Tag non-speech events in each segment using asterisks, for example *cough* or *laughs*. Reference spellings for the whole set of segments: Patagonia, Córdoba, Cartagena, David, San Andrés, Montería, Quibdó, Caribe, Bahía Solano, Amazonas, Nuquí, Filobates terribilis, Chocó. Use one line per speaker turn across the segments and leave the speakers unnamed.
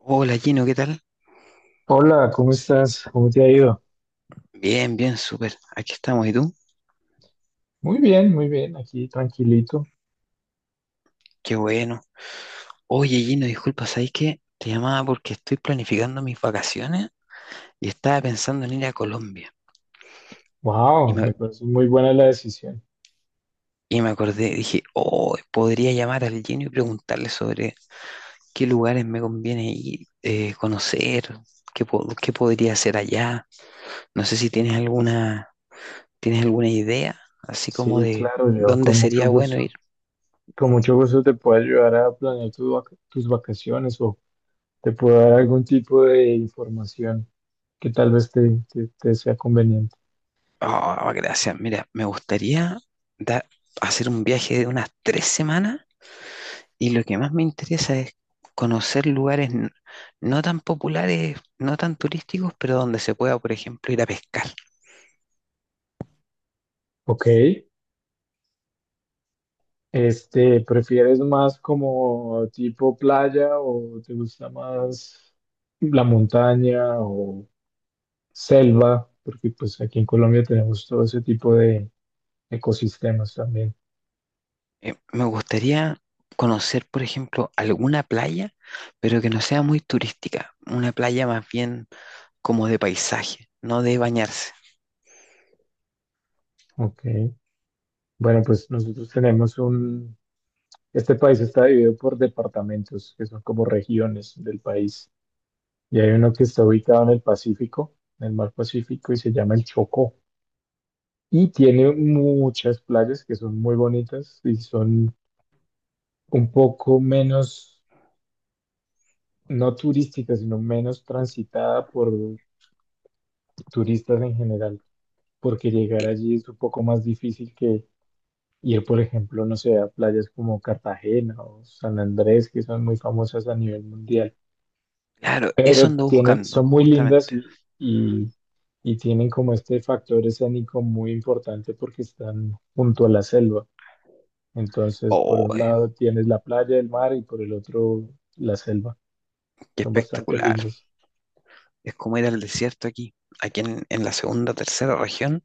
Hola Gino, ¿qué tal?
Hola, ¿cómo estás? ¿Cómo te ha ido?
Bien, bien, súper. Aquí estamos, ¿y tú?
Muy bien, aquí tranquilito.
Qué bueno. Oye Gino, disculpa, ¿sabes qué? Te llamaba porque estoy planificando mis vacaciones y estaba pensando en ir a Colombia. Y
Wow,
me,
me parece muy buena la decisión.
y me acordé, dije, oh, podría llamar al Gino y preguntarle sobre qué lugares me conviene ir, conocer, qué, qué podría hacer allá. No sé si tienes alguna idea, así como
Sí,
de
claro, yo
dónde sería bueno ir.
con mucho gusto te puedo ayudar a planear tus vacaciones, o te puedo dar algún tipo de información que tal vez te sea conveniente.
Oh, gracias. Mira, me gustaría dar- hacer un viaje de unas 3 semanas y lo que más me interesa es conocer lugares no tan populares, no tan turísticos, pero donde se pueda, por ejemplo, ir a pescar.
Ok, este, ¿prefieres más como tipo playa o te gusta más la montaña, selva? Porque pues aquí en Colombia tenemos todo ese tipo de ecosistemas también.
Me gustaría conocer, por ejemplo, alguna playa, pero que no sea muy turística, una playa más bien como de paisaje, no de bañarse.
Ok. Bueno, pues nosotros tenemos un, este país está dividido por departamentos, que son como regiones del país. Y hay uno que está ubicado en el Pacífico, en el mar Pacífico, y se llama el Chocó. Y tiene muchas playas que son muy bonitas y son un poco menos, no turísticas, sino menos transitada por turistas en general, porque llegar
Eh,
allí es un poco más difícil que ir, por ejemplo, no sé, a playas como Cartagena o San Andrés, que son muy famosas a nivel mundial,
claro, eso
pero
ando
tienen,
buscando,
son muy lindas
justamente.
y tienen como este factor escénico muy importante porque están junto a la selva. Entonces, por
Oh,
un lado tienes la playa, el mar, y por el otro la selva.
qué
Son bastante
espectacular.
lindos.
Es como ir al desierto aquí. Aquí en la segunda, tercera región,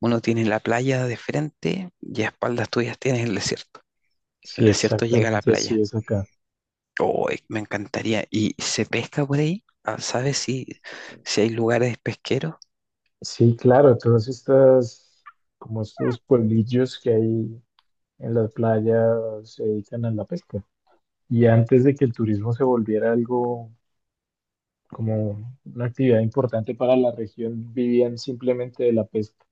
uno tiene la playa de frente y a espaldas tuyas tienes el desierto. El
Sí,
desierto llega a la
exactamente así
playa.
es acá.
Oh, me encantaría. ¿Y se pesca por ahí? Ah, ¿sabes si hay lugares pesqueros?
Sí, claro, todos estos, como estos pueblillos que hay en las playas, se dedican a la pesca. Y antes de que el turismo se volviera algo como una actividad importante para la región, vivían simplemente de la pesca.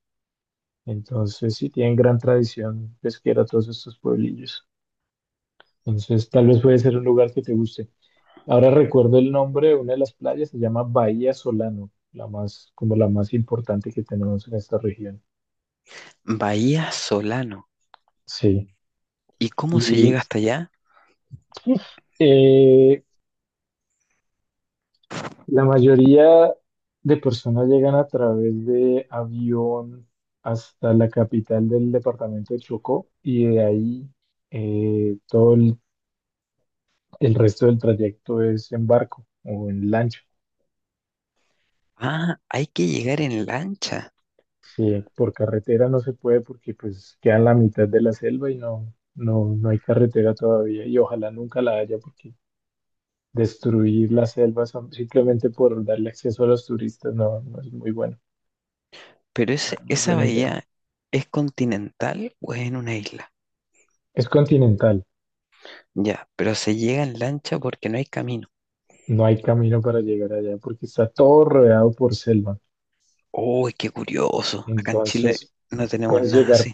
Entonces sí tienen gran tradición pesquera todos estos pueblillos. Entonces tal vez puede ser un lugar que te guste. Ahora recuerdo el nombre de una de las playas, se llama Bahía Solano, la más, como la más importante que tenemos en esta región.
Bahía Solano.
Sí.
¿Y cómo se
Y,
llega hasta allá?
eh, La mayoría de personas llegan a través de avión hasta la capital del departamento de Chocó, y de ahí todo el resto del trayecto es en barco o en lancha.
Ah, hay que llegar en lancha.
Sí, por carretera no se puede porque pues queda en la mitad de la selva y no, no, no hay carretera todavía, y ojalá nunca la haya porque destruir la selva simplemente por darle acceso a los turistas no, no es muy bueno,
Pero
no es
esa
buena idea.
bahía, ¿es continental o es en una isla?
Es continental.
Ya, pero se llega en lancha porque no hay camino.
No hay camino para llegar allá porque está todo rodeado por selva.
Uy, qué curioso. Acá en Chile
Entonces,
no tenemos
puedes
nada
llegar,
así.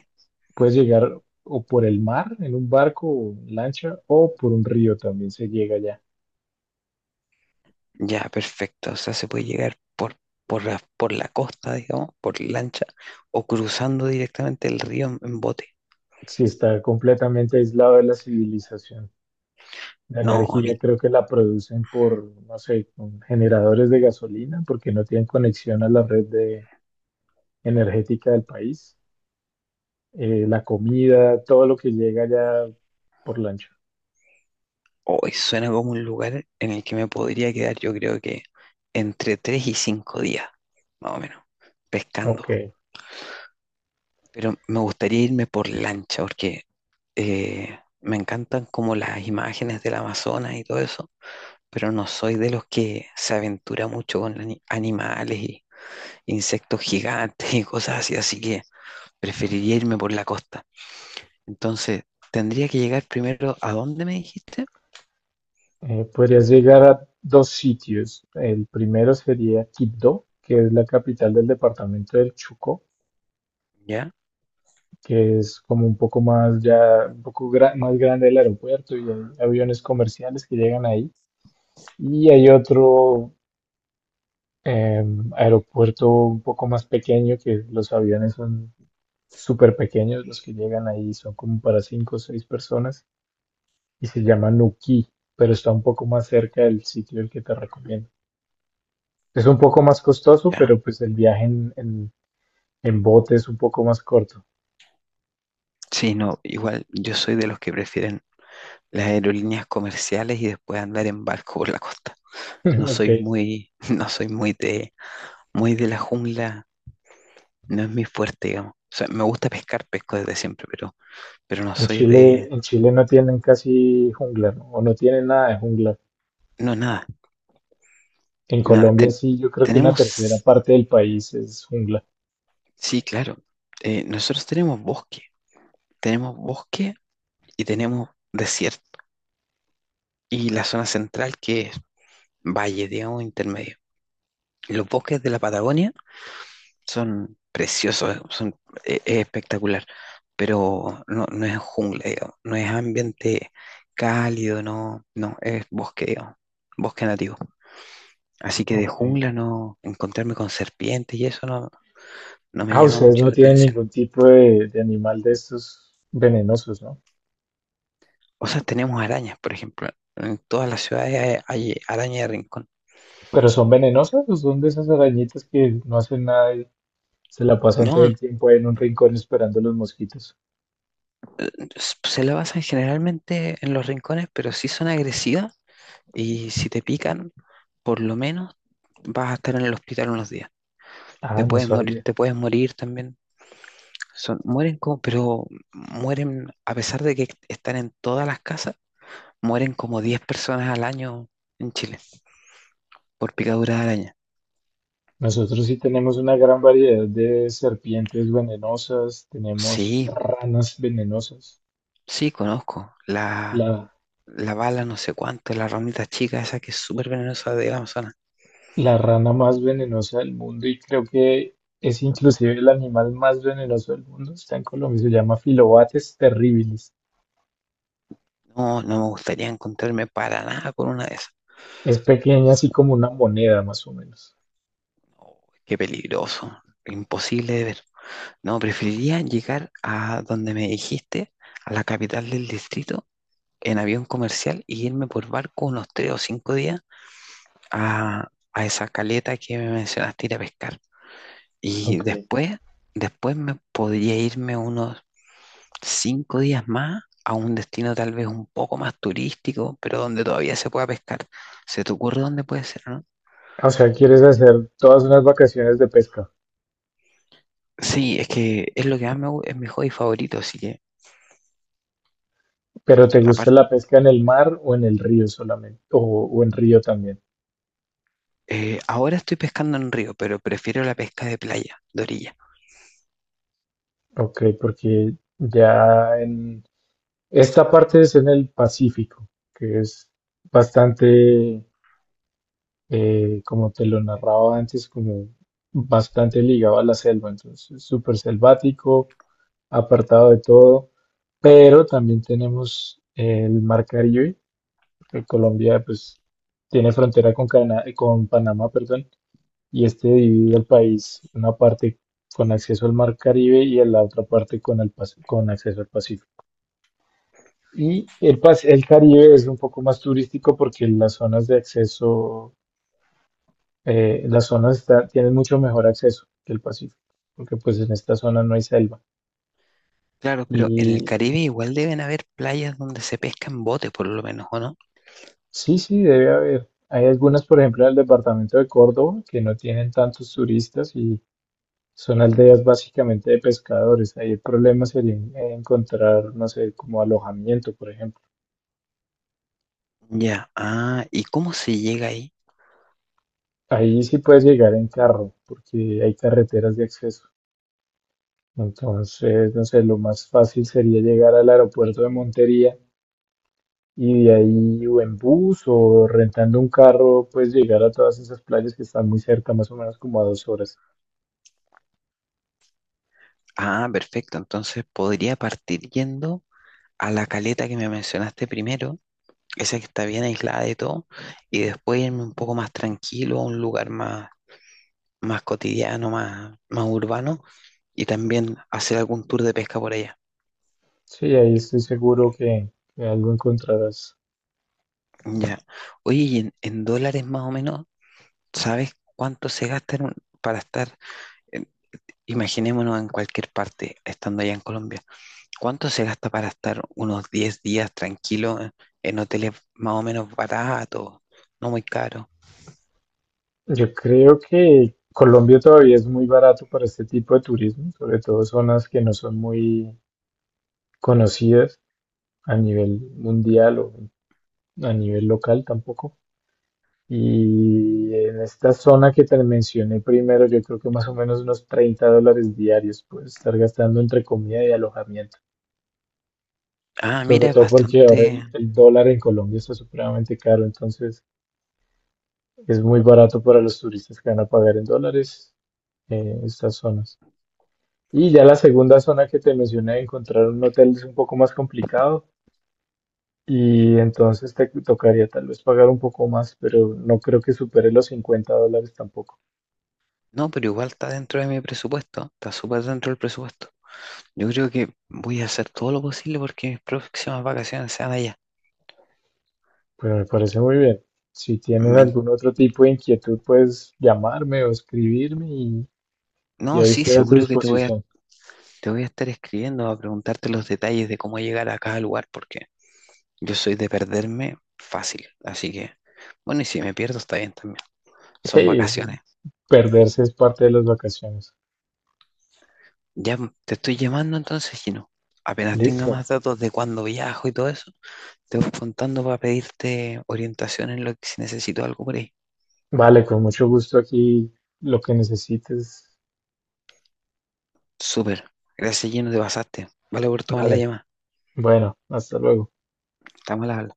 puedes llegar o por el mar en un barco o lancha, o por un río también se llega allá.
Ya, perfecto. O sea, se puede llegar por la costa, digamos, por lancha, o cruzando directamente el río en bote.
Si está completamente aislado de la civilización. La
No, a mí,
energía creo que la producen por, no sé, con generadores de gasolina porque no tienen conexión a la red energética del país. La comida, todo lo que llega allá, por lancha.
hoy suena como un lugar en el que me podría quedar, yo creo que entre 3 y 5 días, más o menos, pescando.
Ok.
Pero me gustaría irme por lancha, porque me encantan como las imágenes del Amazonas y todo eso. Pero no soy de los que se aventura mucho con animales y insectos gigantes y cosas así, así que preferiría irme por la costa. Entonces, tendría que llegar primero a dónde me dijiste.
Podrías llegar a dos sitios. El primero sería Quibdó, que es la capital del departamento del Chocó,
Ya,
que es como un poco más ya, más grande el aeropuerto, y hay aviones comerciales que llegan ahí. Y hay otro eh, aeropuerto un poco más pequeño, que los aviones son súper pequeños, los que llegan ahí son como para cinco o seis personas, y se llama Nuquí, pero está un poco más cerca del sitio del que te recomiendo. Es un poco más costoso,
ya.
pero pues el viaje en bote es un poco más corto.
Sí, no, igual yo soy de los que prefieren las aerolíneas comerciales y después andar en barco por la costa. No
*laughs* Ok.
soy muy, *laughs* no soy muy de la jungla, no es mi fuerte, digamos. O sea, me gusta pescar, pesco desde siempre, pero no soy de,
En Chile no tienen casi jungla, ¿no? O no tienen nada de jungla.
no, nada.
En
Nada,
Colombia sí, yo creo que una tercera
tenemos,
parte del país es jungla.
sí, claro, nosotros tenemos bosque y tenemos desierto y la zona central que es valle, digamos, intermedio. Los bosques de la Patagonia son preciosos, son, es espectacular, pero no, no es jungla, digamos, no es ambiente cálido, no, no, es bosque, digamos, bosque nativo. Así que de
Ok.
jungla no, encontrarme con serpientes y eso no, no me
Ah,
llama
ustedes
mucho
no
la
tienen
atención.
ningún tipo de animal de estos venenosos, ¿no?
O sea, tenemos arañas, por ejemplo. En todas las ciudades hay araña de rincón.
Pero ¿son venenosas o son de esas arañitas que no hacen nada y se la pasan todo
No,
el tiempo ahí en un rincón esperando los mosquitos?
se la basan generalmente en los rincones, pero sí son agresivas y si te pican, por lo menos vas a estar en el hospital unos días.
Ah, no sabía.
Te puedes morir también. Son, mueren como, pero mueren, a pesar de que están en todas las casas, mueren como 10 personas al año en Chile por picadura de araña.
Nosotros sí tenemos una gran variedad de serpientes venenosas, tenemos
Sí,
ranas venenosas,
sí, conozco. La,
la,
la bala no sé cuánto, la ramita chica esa que es súper venenosa de la Amazonas.
la rana más venenosa del mundo, y creo que es inclusive el animal más venenoso del mundo, está en Colombia, se llama Filobates terribilis.
No, no me gustaría encontrarme para nada con una de esas.
Es pequeña, así como una moneda más o menos.
No, qué peligroso, imposible de ver. No, preferiría llegar a donde me dijiste, a la capital del distrito, en avión comercial y irme por barco unos 3 o 5 días a esa caleta que me mencionaste ir a pescar. Y
Ok.
después, después me podría irme unos 5 días más a un destino tal vez un poco más turístico, pero donde todavía se pueda pescar. ¿Se te ocurre dónde puede ser, no?
O sea, ¿quieres hacer todas unas vacaciones de pesca,
Sí, es que es lo que más me gusta, es mi hobby favorito, así que
pero te gusta
aparte,
la pesca en el mar o en el río solamente? O en río también.
ahora estoy pescando en río, pero prefiero la pesca de playa, de orilla.
Ok, porque ya en esta parte es en el Pacífico, que es bastante, como te lo narraba antes, como bastante ligado a la selva, entonces es súper selvático, apartado de todo, pero también tenemos el Mar Caribe, porque Colombia pues tiene frontera con Panamá, perdón, y este divide el país, una parte con acceso al Mar Caribe y la otra parte con acceso al Pacífico. Y el Caribe es un poco más turístico porque las zonas de acceso, las zonas tienen mucho mejor acceso que el Pacífico, porque pues en esta zona no hay selva.
Claro, pero en el
Y
Caribe igual deben haber playas donde se pesca en bote, por lo menos, ¿o no?
sí, sí, debe haber. Hay algunas, por ejemplo, en el departamento de Córdoba, que no tienen tantos turistas y son aldeas básicamente de pescadores. Ahí el problema sería encontrar, no sé, como alojamiento, por ejemplo.
Ya, ah, ¿y cómo se llega ahí?
Ahí sí puedes llegar en carro, porque hay carreteras de acceso. Entonces, no sé, lo más fácil sería llegar al aeropuerto de Montería, y de ahí o en bus o rentando un carro, pues llegar a todas esas playas que están muy cerca, más o menos como a 2 horas.
Ah, perfecto, entonces podría partir yendo a la caleta que me mencionaste primero, esa que está bien aislada de todo, y después irme un poco más tranquilo a un lugar más, más cotidiano, más, más urbano, y también hacer algún tour de pesca por allá.
Sí, ahí estoy seguro que algo encontrarás.
Ya. Oye, y en dólares más o menos, ¿sabes cuánto se gasta en para estar, en- imaginémonos en cualquier parte, estando allá en Colombia, ¿cuánto se gasta para estar unos 10 días tranquilo en hoteles más o menos baratos, no muy caros?
Yo creo que Colombia todavía es muy barato para este tipo de turismo, sobre todo zonas que no son muy conocidas a nivel mundial o a nivel local tampoco. Y en esta zona que te mencioné primero, yo creo que más o menos unos $30 diarios puedes estar gastando entre comida y alojamiento.
Ah,
Sobre
mira, es
todo porque ahora
bastante.
el dólar en Colombia está supremamente caro, entonces es muy barato para los turistas que van a pagar en dólares estas zonas. Y ya la segunda zona que te mencioné, encontrar un hotel es un poco más complicado, y entonces te tocaría tal vez pagar un poco más, pero no creo que supere los $50 tampoco.
No, pero igual está dentro de mi presupuesto, está súper dentro del presupuesto. Yo creo que voy a hacer todo lo posible porque mis próximas vacaciones sean allá.
Pues me parece muy bien. Si tienes
Me in-
algún otro tipo de inquietud, puedes llamarme o escribirme, y
no,
ahí
sí,
estoy a tu
seguro que te voy a,
disposición.
te voy a estar escribiendo a preguntarte los detalles de cómo llegar a cada lugar porque yo soy de perderme fácil. Así que, bueno, y si me pierdo está bien también.
Sí,
Son vacaciones.
perderse es parte de las vacaciones.
Ya te estoy llamando entonces, Gino. Apenas tenga
Listo.
más datos de cuándo viajo y todo eso, te voy contando para pedirte orientación en lo que si necesito algo por ahí.
Vale, con mucho gusto, aquí lo que necesites.
Súper. Gracias, lleno de pasaste. Vale por tomar la
Vale.
llamada.
Bueno, hasta luego.
Estamos a la habla.